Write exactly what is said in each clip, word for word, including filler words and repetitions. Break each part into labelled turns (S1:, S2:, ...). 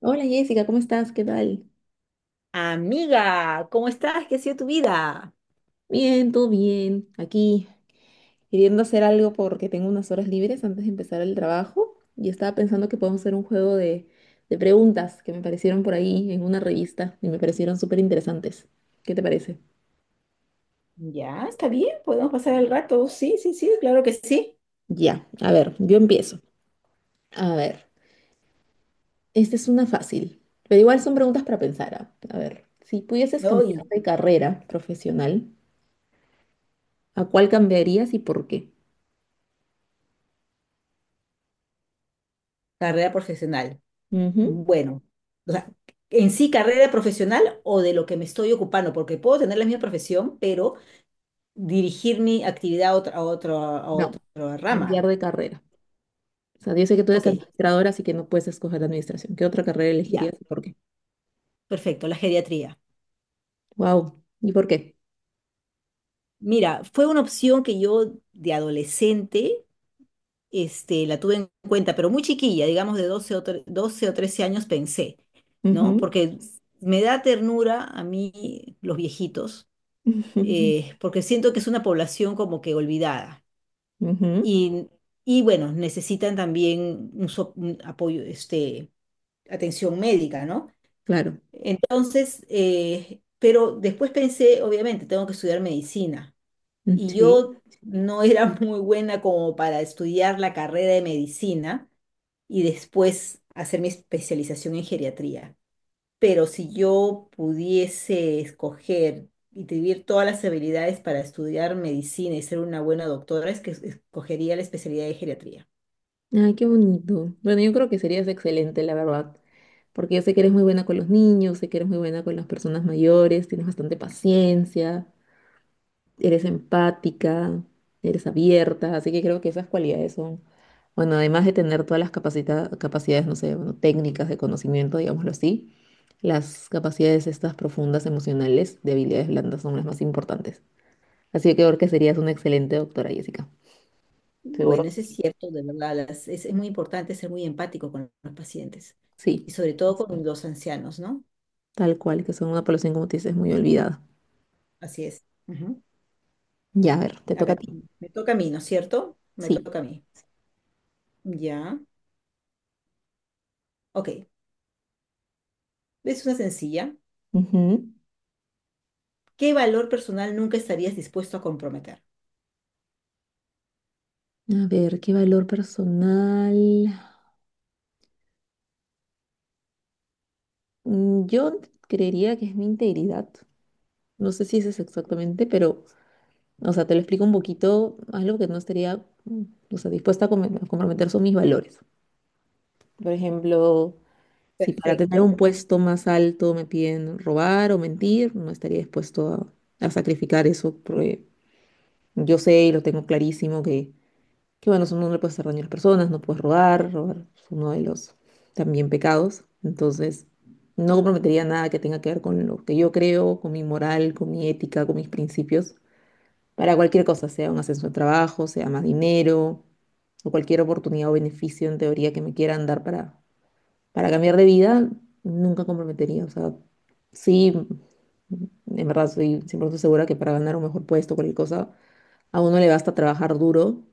S1: Hola Jessica, ¿cómo estás? ¿Qué tal?
S2: Amiga, ¿cómo estás? ¿Qué ha sido tu vida?
S1: Bien, todo bien. Aquí queriendo hacer algo porque tengo unas horas libres antes de empezar el trabajo y estaba pensando que podemos hacer un juego de, de preguntas que me aparecieron por ahí en una revista y me parecieron súper interesantes. ¿Qué te parece?
S2: Ya, está bien, podemos pasar el rato. Sí, sí, sí, claro que sí.
S1: Ya, a ver, yo empiezo. A ver, esta es una fácil, pero igual son preguntas para pensar. ¿Ah? A ver, si pudieses cambiar
S2: Hoy,
S1: de carrera profesional, ¿a cuál cambiarías y por qué?
S2: carrera profesional.
S1: Ujú.
S2: Bueno, o sea, en sí, carrera profesional o de lo que me estoy ocupando, porque puedo tener la misma profesión, pero dirigir mi actividad a otra, a otro- a otra
S1: No,
S2: rama.
S1: cambiar de carrera. O sea, yo sé que tú eres
S2: Ok,
S1: administradora, así que no puedes escoger administración. ¿Qué otra carrera
S2: ya,
S1: elegirías y por qué?
S2: perfecto, la geriatría.
S1: Wow. ¿Y por qué?
S2: Mira, fue una opción que yo de adolescente este, la tuve en cuenta, pero muy chiquilla, digamos de doce o, tre- doce o trece años pensé, ¿no?
S1: Ujú.
S2: Porque me da ternura a mí los viejitos,
S1: Ujú.
S2: eh, porque siento que es una población como que olvidada.
S1: Ujú.
S2: Y, y bueno, necesitan también un, so- un apoyo, este, atención médica, ¿no?
S1: Claro.
S2: Entonces, eh, pero después pensé, obviamente, tengo que estudiar medicina.
S1: Mm,
S2: Y
S1: sí.
S2: yo no era muy buena como para estudiar la carrera de medicina y después hacer mi especialización en geriatría. Pero si yo pudiese escoger y tener todas las habilidades para estudiar medicina y ser una buena doctora, es que es- escogería la especialidad de geriatría.
S1: Ay, qué bonito. Bueno, yo creo que serías excelente, la verdad. Porque yo sé que eres muy buena con los niños, sé que eres muy buena con las personas mayores, tienes bastante paciencia, eres empática, eres abierta, así que creo que esas cualidades son bueno, además de tener todas las capacita- capacidades, no sé, bueno, técnicas de conocimiento, digámoslo así, las capacidades estas profundas emocionales de habilidades blandas son las más importantes. Así que creo que serías una excelente doctora, Jessica. Seguro
S2: Bueno,
S1: que
S2: eso es
S1: sí.
S2: cierto, de verdad, las- es, es muy importante ser muy empático con los pacientes
S1: Sí,
S2: y sobre todo con los ancianos, ¿no?
S1: tal cual, que son una población, como te dices, muy olvidada.
S2: Así es. Ujú.
S1: Ya, a ver, te
S2: A
S1: toca a
S2: ver,
S1: ti.
S2: me toca a mí, ¿no es cierto? Me
S1: Sí.
S2: toca a mí. Ya, ok. Es una sencilla.
S1: Ujú.
S2: ¿Qué valor personal nunca estarías dispuesto a comprometer?
S1: A ver, ¿qué valor personal? Mm, yo creería que es mi integridad. No sé si ese es exactamente, pero o sea, te lo explico un poquito, algo que no estaría, mm, o sea, dispuesta a come- a comprometer son mis valores. Por ejemplo, si para tener
S2: Perfecto.
S1: un puesto más alto me piden robar o mentir, no estaría dispuesto a, a sacrificar eso, porque yo sé y lo tengo clarísimo que, que bueno, eso no le puedes hacer daño a las personas, no puedes robar, robar es uno de los también pecados. Entonces, no comprometería nada que tenga que ver con lo que yo creo, con mi moral, con mi ética, con mis principios para cualquier cosa, sea un ascenso de trabajo, sea más dinero o cualquier oportunidad o beneficio en teoría que me quieran dar para, para cambiar de vida, nunca comprometería. O sea, sí, en verdad soy cien por ciento segura que para ganar un mejor puesto, cualquier cosa, a uno le basta trabajar duro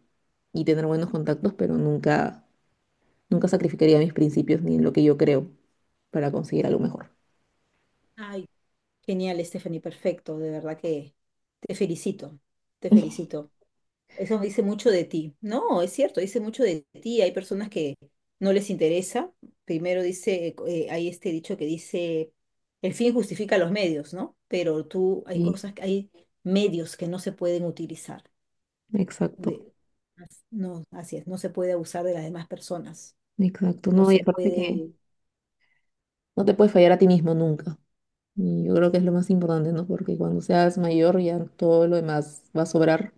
S1: y tener buenos contactos, pero nunca, nunca sacrificaría mis principios ni en lo que yo creo para conseguir algo mejor.
S2: Ay, genial, Stephanie, perfecto. De verdad que te felicito, te felicito. Eso dice mucho de ti. No, es cierto, dice mucho de ti. Hay personas que no les interesa. Primero dice, eh, hay este dicho que dice, el fin justifica los medios, ¿no? Pero tú, hay
S1: Sí,
S2: cosas, que- hay medios que no se pueden utilizar.
S1: exacto,
S2: De, as- no, así es, no se puede abusar de las demás personas.
S1: exacto.
S2: No
S1: No, y
S2: se
S1: aparte que
S2: puede,
S1: no te puedes fallar a ti mismo nunca. Y yo creo que es lo más importante, ¿no? Porque cuando seas mayor ya todo lo demás va a sobrar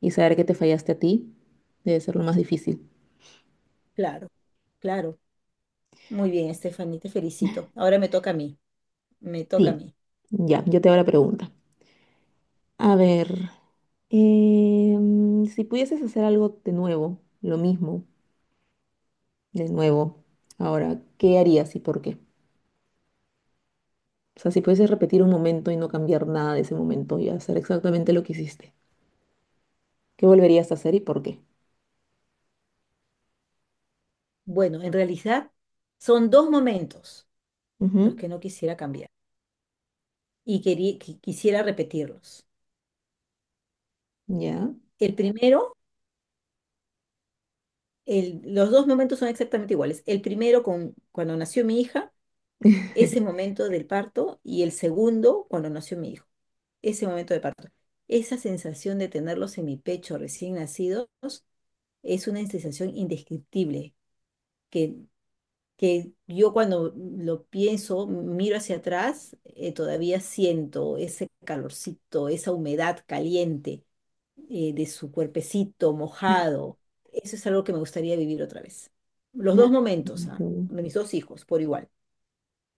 S1: y saber que te fallaste a ti debe ser lo más difícil.
S2: claro, claro. Muy bien, Stephanie, te felicito. Ahora me toca a mí. Me toca a
S1: Sí.
S2: mí.
S1: Ya, yo te hago la pregunta. A ver, em, si pudieses hacer algo de nuevo, lo mismo, de nuevo, ahora, ¿qué harías y por qué? O sea, si pudieses repetir un momento y no cambiar nada de ese momento y hacer exactamente lo que hiciste, ¿qué volverías a hacer y por qué?
S2: Bueno, en realidad son dos momentos los
S1: Ujú,
S2: que no quisiera cambiar y querí- qui- quisiera repetirlos.
S1: ya.
S2: El primero, el- los dos momentos son exactamente iguales. El primero con, cuando nació mi hija, ese momento del parto, y el segundo cuando nació mi hijo, ese momento de parto. Esa sensación de tenerlos en mi pecho recién nacidos es una sensación indescriptible que que yo cuando lo pienso, miro hacia atrás, eh, todavía siento ese calorcito, esa humedad caliente eh, de su cuerpecito mojado. Eso es algo que me gustaría vivir otra vez. Los dos momentos, ah,
S1: Mm.
S2: de mis dos hijos, por igual.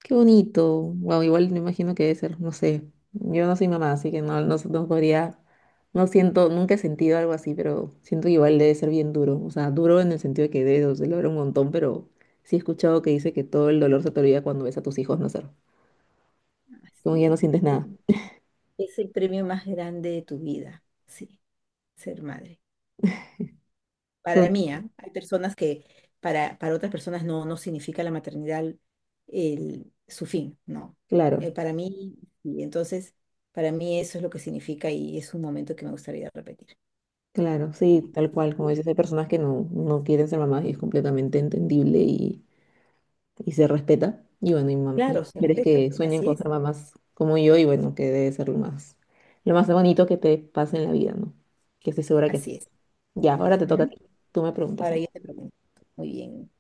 S1: Qué bonito. Wow, igual me imagino que debe ser, no sé. Yo no soy mamá, así que no, no, no podría, no siento, nunca he sentido algo así, pero siento que igual debe ser bien duro. O sea, duro en el sentido de que debe doler un montón, pero sí he escuchado que dice que todo el dolor se te olvida cuando ves a tus hijos nacer. Como
S2: Así
S1: ya no
S2: es.
S1: sientes
S2: Es
S1: nada.
S2: es el premio más grande de tu vida, sí, ser madre.
S1: Qué
S2: Para
S1: bon-
S2: mí, ¿ah? Hay personas que para, para otras personas no, no significa la maternidad el, su fin, no. Eh,
S1: Claro,
S2: para mí, y entonces, para mí eso es lo que significa y es un momento que me gustaría repetir.
S1: claro, sí, tal cual. Como dices, hay personas que no, no quieren ser mamás y es completamente entendible y y se respeta. Y bueno, y mam- hay
S2: Claro, se
S1: mujeres
S2: respeta,
S1: que sueñan
S2: así
S1: con
S2: es,
S1: ser mamás como yo y bueno, que debe ser lo más, lo más bonito que te pase en la vida, ¿no? Que estoy segura que sí.
S2: así es.
S1: Ya, ahora te toca a
S2: Ujú.
S1: ti. Tú me preguntas
S2: Ahora
S1: algo.
S2: yo te pregunto, muy bien.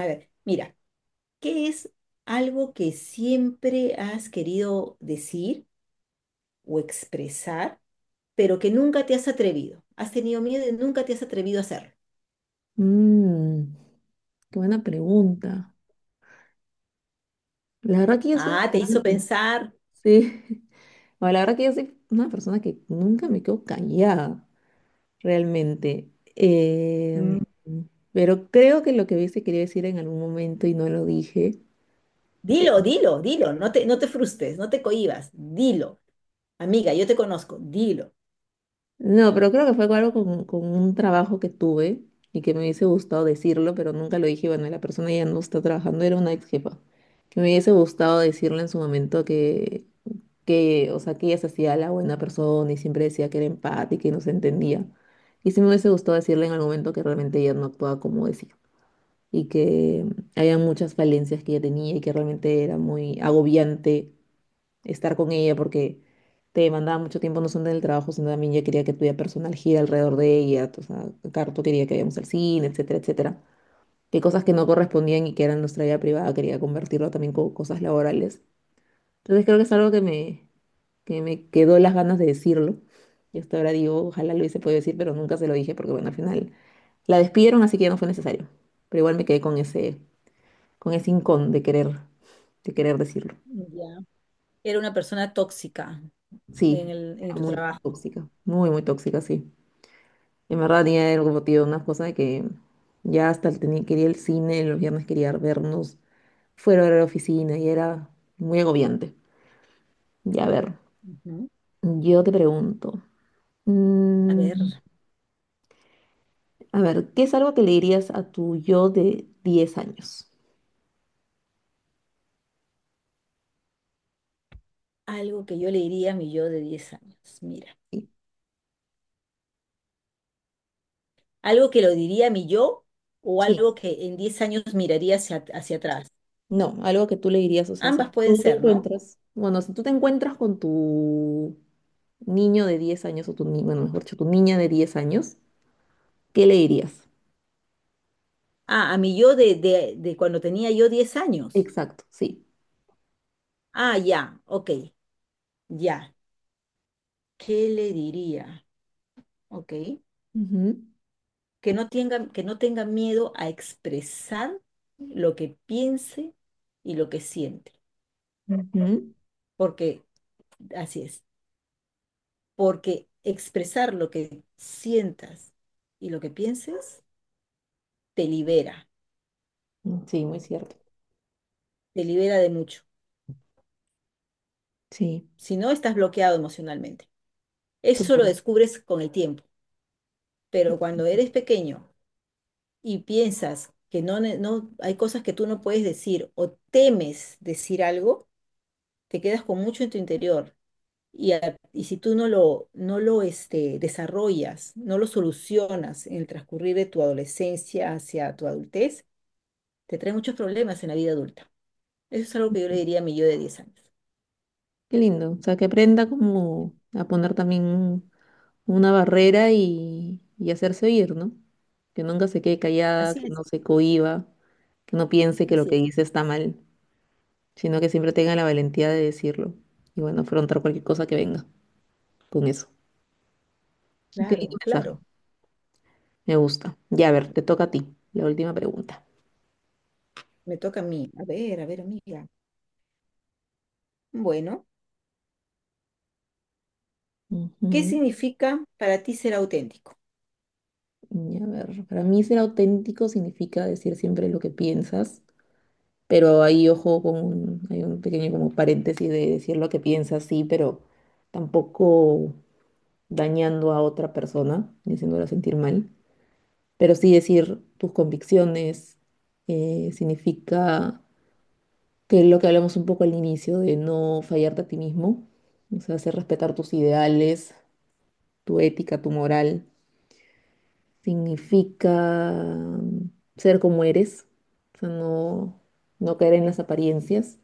S2: A ver, mira, ¿qué es algo que siempre has querido decir o expresar, pero que nunca te has atrevido? Has tenido miedo y nunca te has atrevido a hacerlo.
S1: Mm, qué buena pregunta. La verdad que yo soy
S2: Ah, te
S1: una persona
S2: hizo
S1: que-
S2: pensar.
S1: sí. Bueno, la verdad que yo soy una persona que nunca me quedo callada, realmente. Em,
S2: Mm,
S1: pero creo que lo que hubiese querido decir en algún momento y no lo dije
S2: Dilo, dilo, dilo. No te, no te frustres, no te cohibas. Dilo. Amiga, yo te conozco. Dilo.
S1: no, pero creo que fue algo con, con un trabajo que tuve y que me hubiese gustado decirlo, pero nunca lo dije. Bueno, la persona ya no está trabajando, era una ex jefa. Que me hubiese gustado decirle en su momento que, que, o sea, que ella se hacía la buena persona y siempre decía que era empática y no se entendía. Y sí me hubiese gustado decirle en algún momento que realmente ella no actuaba como decía y que mm, había muchas falencias que ella tenía y que realmente era muy agobiante estar con ella porque te demandaba mucho tiempo no solo en el trabajo, sino también yo quería que tu vida personal gira alrededor de ella, o sea, Carto quería que vayamos al cine, etcétera, etcétera. Que cosas que no correspondían y que eran nuestra vida privada, quería convertirlo también con cosas laborales. Entonces creo que es algo que me, que me quedó las ganas de decirlo. Y hasta ahora digo, ojalá lo hubiese podido decir, pero nunca se lo dije porque, bueno, al final la despidieron, así que ya no fue necesario. Pero igual me quedé con ese, con ese hincón de querer, de querer decirlo.
S2: Ya. Era una persona tóxica en
S1: Sí,
S2: el, en
S1: era
S2: tu
S1: muy
S2: trabajo.
S1: tóxica, muy, muy tóxica, sí. En verdad tenía algo motivo, una cosa de que ya hasta el tenía, quería el cine, los viernes quería vernos fuera de la oficina y era muy agobiante. Ya, a ver,
S2: Ujú.
S1: yo te pregunto,
S2: A
S1: mm,
S2: ver,
S1: a ver, ¿qué es algo que le dirías a tu yo de diez años?
S2: algo que yo le diría a mi yo de diez años. Mira,
S1: Sí,
S2: algo que lo diría a mi yo o
S1: sí,
S2: algo que en diez años miraría hacia, hacia atrás.
S1: no, algo que tú le dirías, o sea,
S2: Ambas
S1: si
S2: pueden
S1: tú te
S2: ser, ¿no?
S1: encuentras, bueno, si tú te encuentras con tu niño de diez años o tu, ni- bueno, mejor dicho, tu niña de diez años, ¿qué le dirías?
S2: Ah, a mi yo de, de, de cuando tenía yo diez años.
S1: Exacto, sí.
S2: Ah, ya, ok, ya. ¿Qué le diría? ¿Ok?
S1: Ujú,
S2: Que no tenga, que no tenga miedo a expresar lo que piense y lo que siente. Porque, así es, porque expresar lo que sientas y lo que pienses te libera,
S1: ujú. Sí, muy cierto.
S2: te libera de mucho.
S1: Sí,
S2: Si no, estás bloqueado emocionalmente. Eso lo
S1: claro.
S2: descubres con el tiempo, pero cuando eres pequeño y piensas que no, ne- no hay cosas que tú no puedes decir o temes decir algo, te quedas con mucho en tu interior. Y, a- y si tú no lo, no lo este, desarrollas, no lo solucionas en el transcurrir de tu adolescencia hacia tu adultez, te trae muchos problemas en la vida adulta. Eso es algo que yo le diría a mi yo de diez años.
S1: Qué lindo. O sea, que aprenda como a poner también un- una barrera y, y hacerse oír, ¿no? Que nunca se quede callada,
S2: Así
S1: que
S2: es,
S1: no se cohíba, que no piense que lo
S2: así
S1: que
S2: es.
S1: dice está mal, sino que siempre tenga la valentía de decirlo. Y bueno, afrontar cualquier cosa que venga con eso. Qué lindo
S2: Claro,
S1: mensaje.
S2: claro.
S1: Me gusta. Ya, a ver, te toca a ti. La última pregunta.
S2: Me toca a mí. A ver, a ver, amiga. Bueno, ¿qué
S1: Ujú.
S2: significa para ti ser auténtico?
S1: Y a ver, para mí ser auténtico significa decir siempre lo que piensas, pero ahí ojo con un, hay un pequeño como paréntesis de decir lo que piensas, sí, pero tampoco dañando a otra persona ni haciéndola sentir mal. Pero sí decir tus convicciones eh, significa que es lo que hablamos un poco al inicio, de no fallarte a ti mismo, o sea, hacer respetar tus ideales, tu ética, tu moral significa ser como eres, o sea, no, no caer en las apariencias,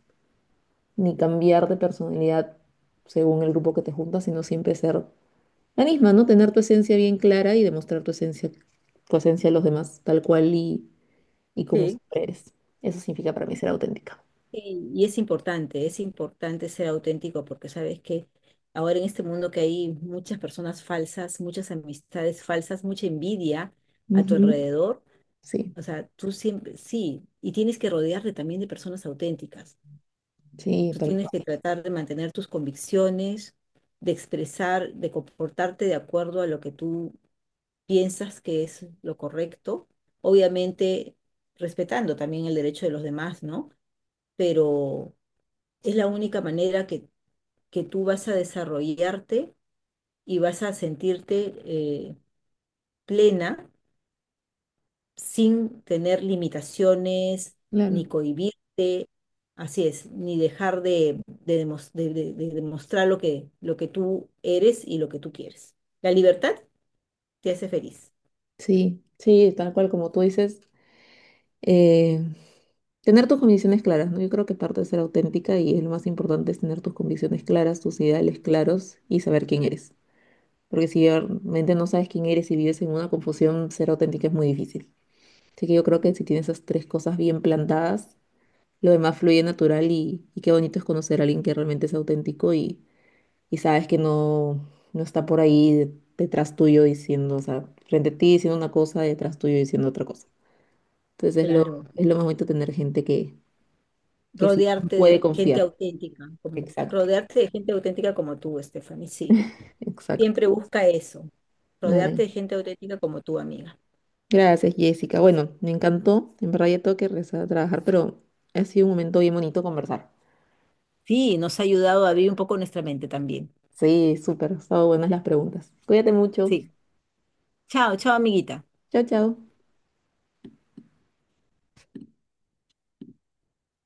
S1: ni cambiar de personalidad según el grupo que te juntas, sino siempre ser la misma, ¿no? Tener tu esencia bien clara y demostrar tu esencia, tu esencia a los demás, tal cual y, y como
S2: Sí.
S1: siempre eres. Eso significa para mí ser auténtica.
S2: Sí, y es importante, es importante ser auténtico porque sabes que ahora en este mundo que hay muchas personas falsas, muchas amistades falsas, mucha envidia a tu
S1: Ujú.
S2: alrededor,
S1: Sí,
S2: o sea, tú siempre, sí, y tienes que rodearte también de personas auténticas.
S1: sí,
S2: Tú
S1: tal
S2: tienes
S1: cual.
S2: que tratar de mantener tus convicciones, de expresar, de comportarte de acuerdo a lo que tú piensas que es lo correcto, obviamente respetando también el derecho de los demás, ¿no? Pero es la única manera que, que tú vas a desarrollarte y vas a sentirte eh, plena sin tener limitaciones,
S1: Claro.
S2: ni cohibirte, así es, ni dejar de, de demos- de- de- de demostrar lo que, lo que tú eres y lo que tú quieres. La libertad te hace feliz,
S1: Sí, sí, tal cual como tú dices. Eh, tener tus convicciones claras, ¿no? Yo creo que parte de ser auténtica y es lo más importante es tener tus convicciones claras, tus ideales claros y saber quién eres. Porque si realmente no sabes quién eres y vives en una confusión, ser auténtica es muy difícil. Así que yo creo que si tienes esas tres cosas bien plantadas, lo demás fluye natural y, y qué bonito es conocer a alguien que realmente es auténtico y, y sabes que no, no está por ahí de- detrás tuyo diciendo, o sea, frente a ti diciendo una cosa, detrás tuyo diciendo otra cosa. Entonces es lo,
S2: claro.
S1: es lo más bonito tener gente que, que sí
S2: Rodearte de
S1: puede
S2: gente
S1: confiar.
S2: auténtica, como,
S1: Exacto.
S2: rodearte de gente auténtica como tú, Stephanie, sí.
S1: Exacto.
S2: Siempre busca eso, rodearte
S1: Ay,
S2: de gente auténtica como tú, amiga.
S1: gracias, Jessica. Bueno, me encantó. En verdad ya tengo que regresar a trabajar, pero ha sido un momento bien bonito conversar.
S2: Sí, nos ha ayudado a abrir un poco nuestra mente también.
S1: Sí, súper. Han estado buenas las preguntas. Cuídate mucho.
S2: Sí. Chao, chao, amiguita.
S1: Chao, chao.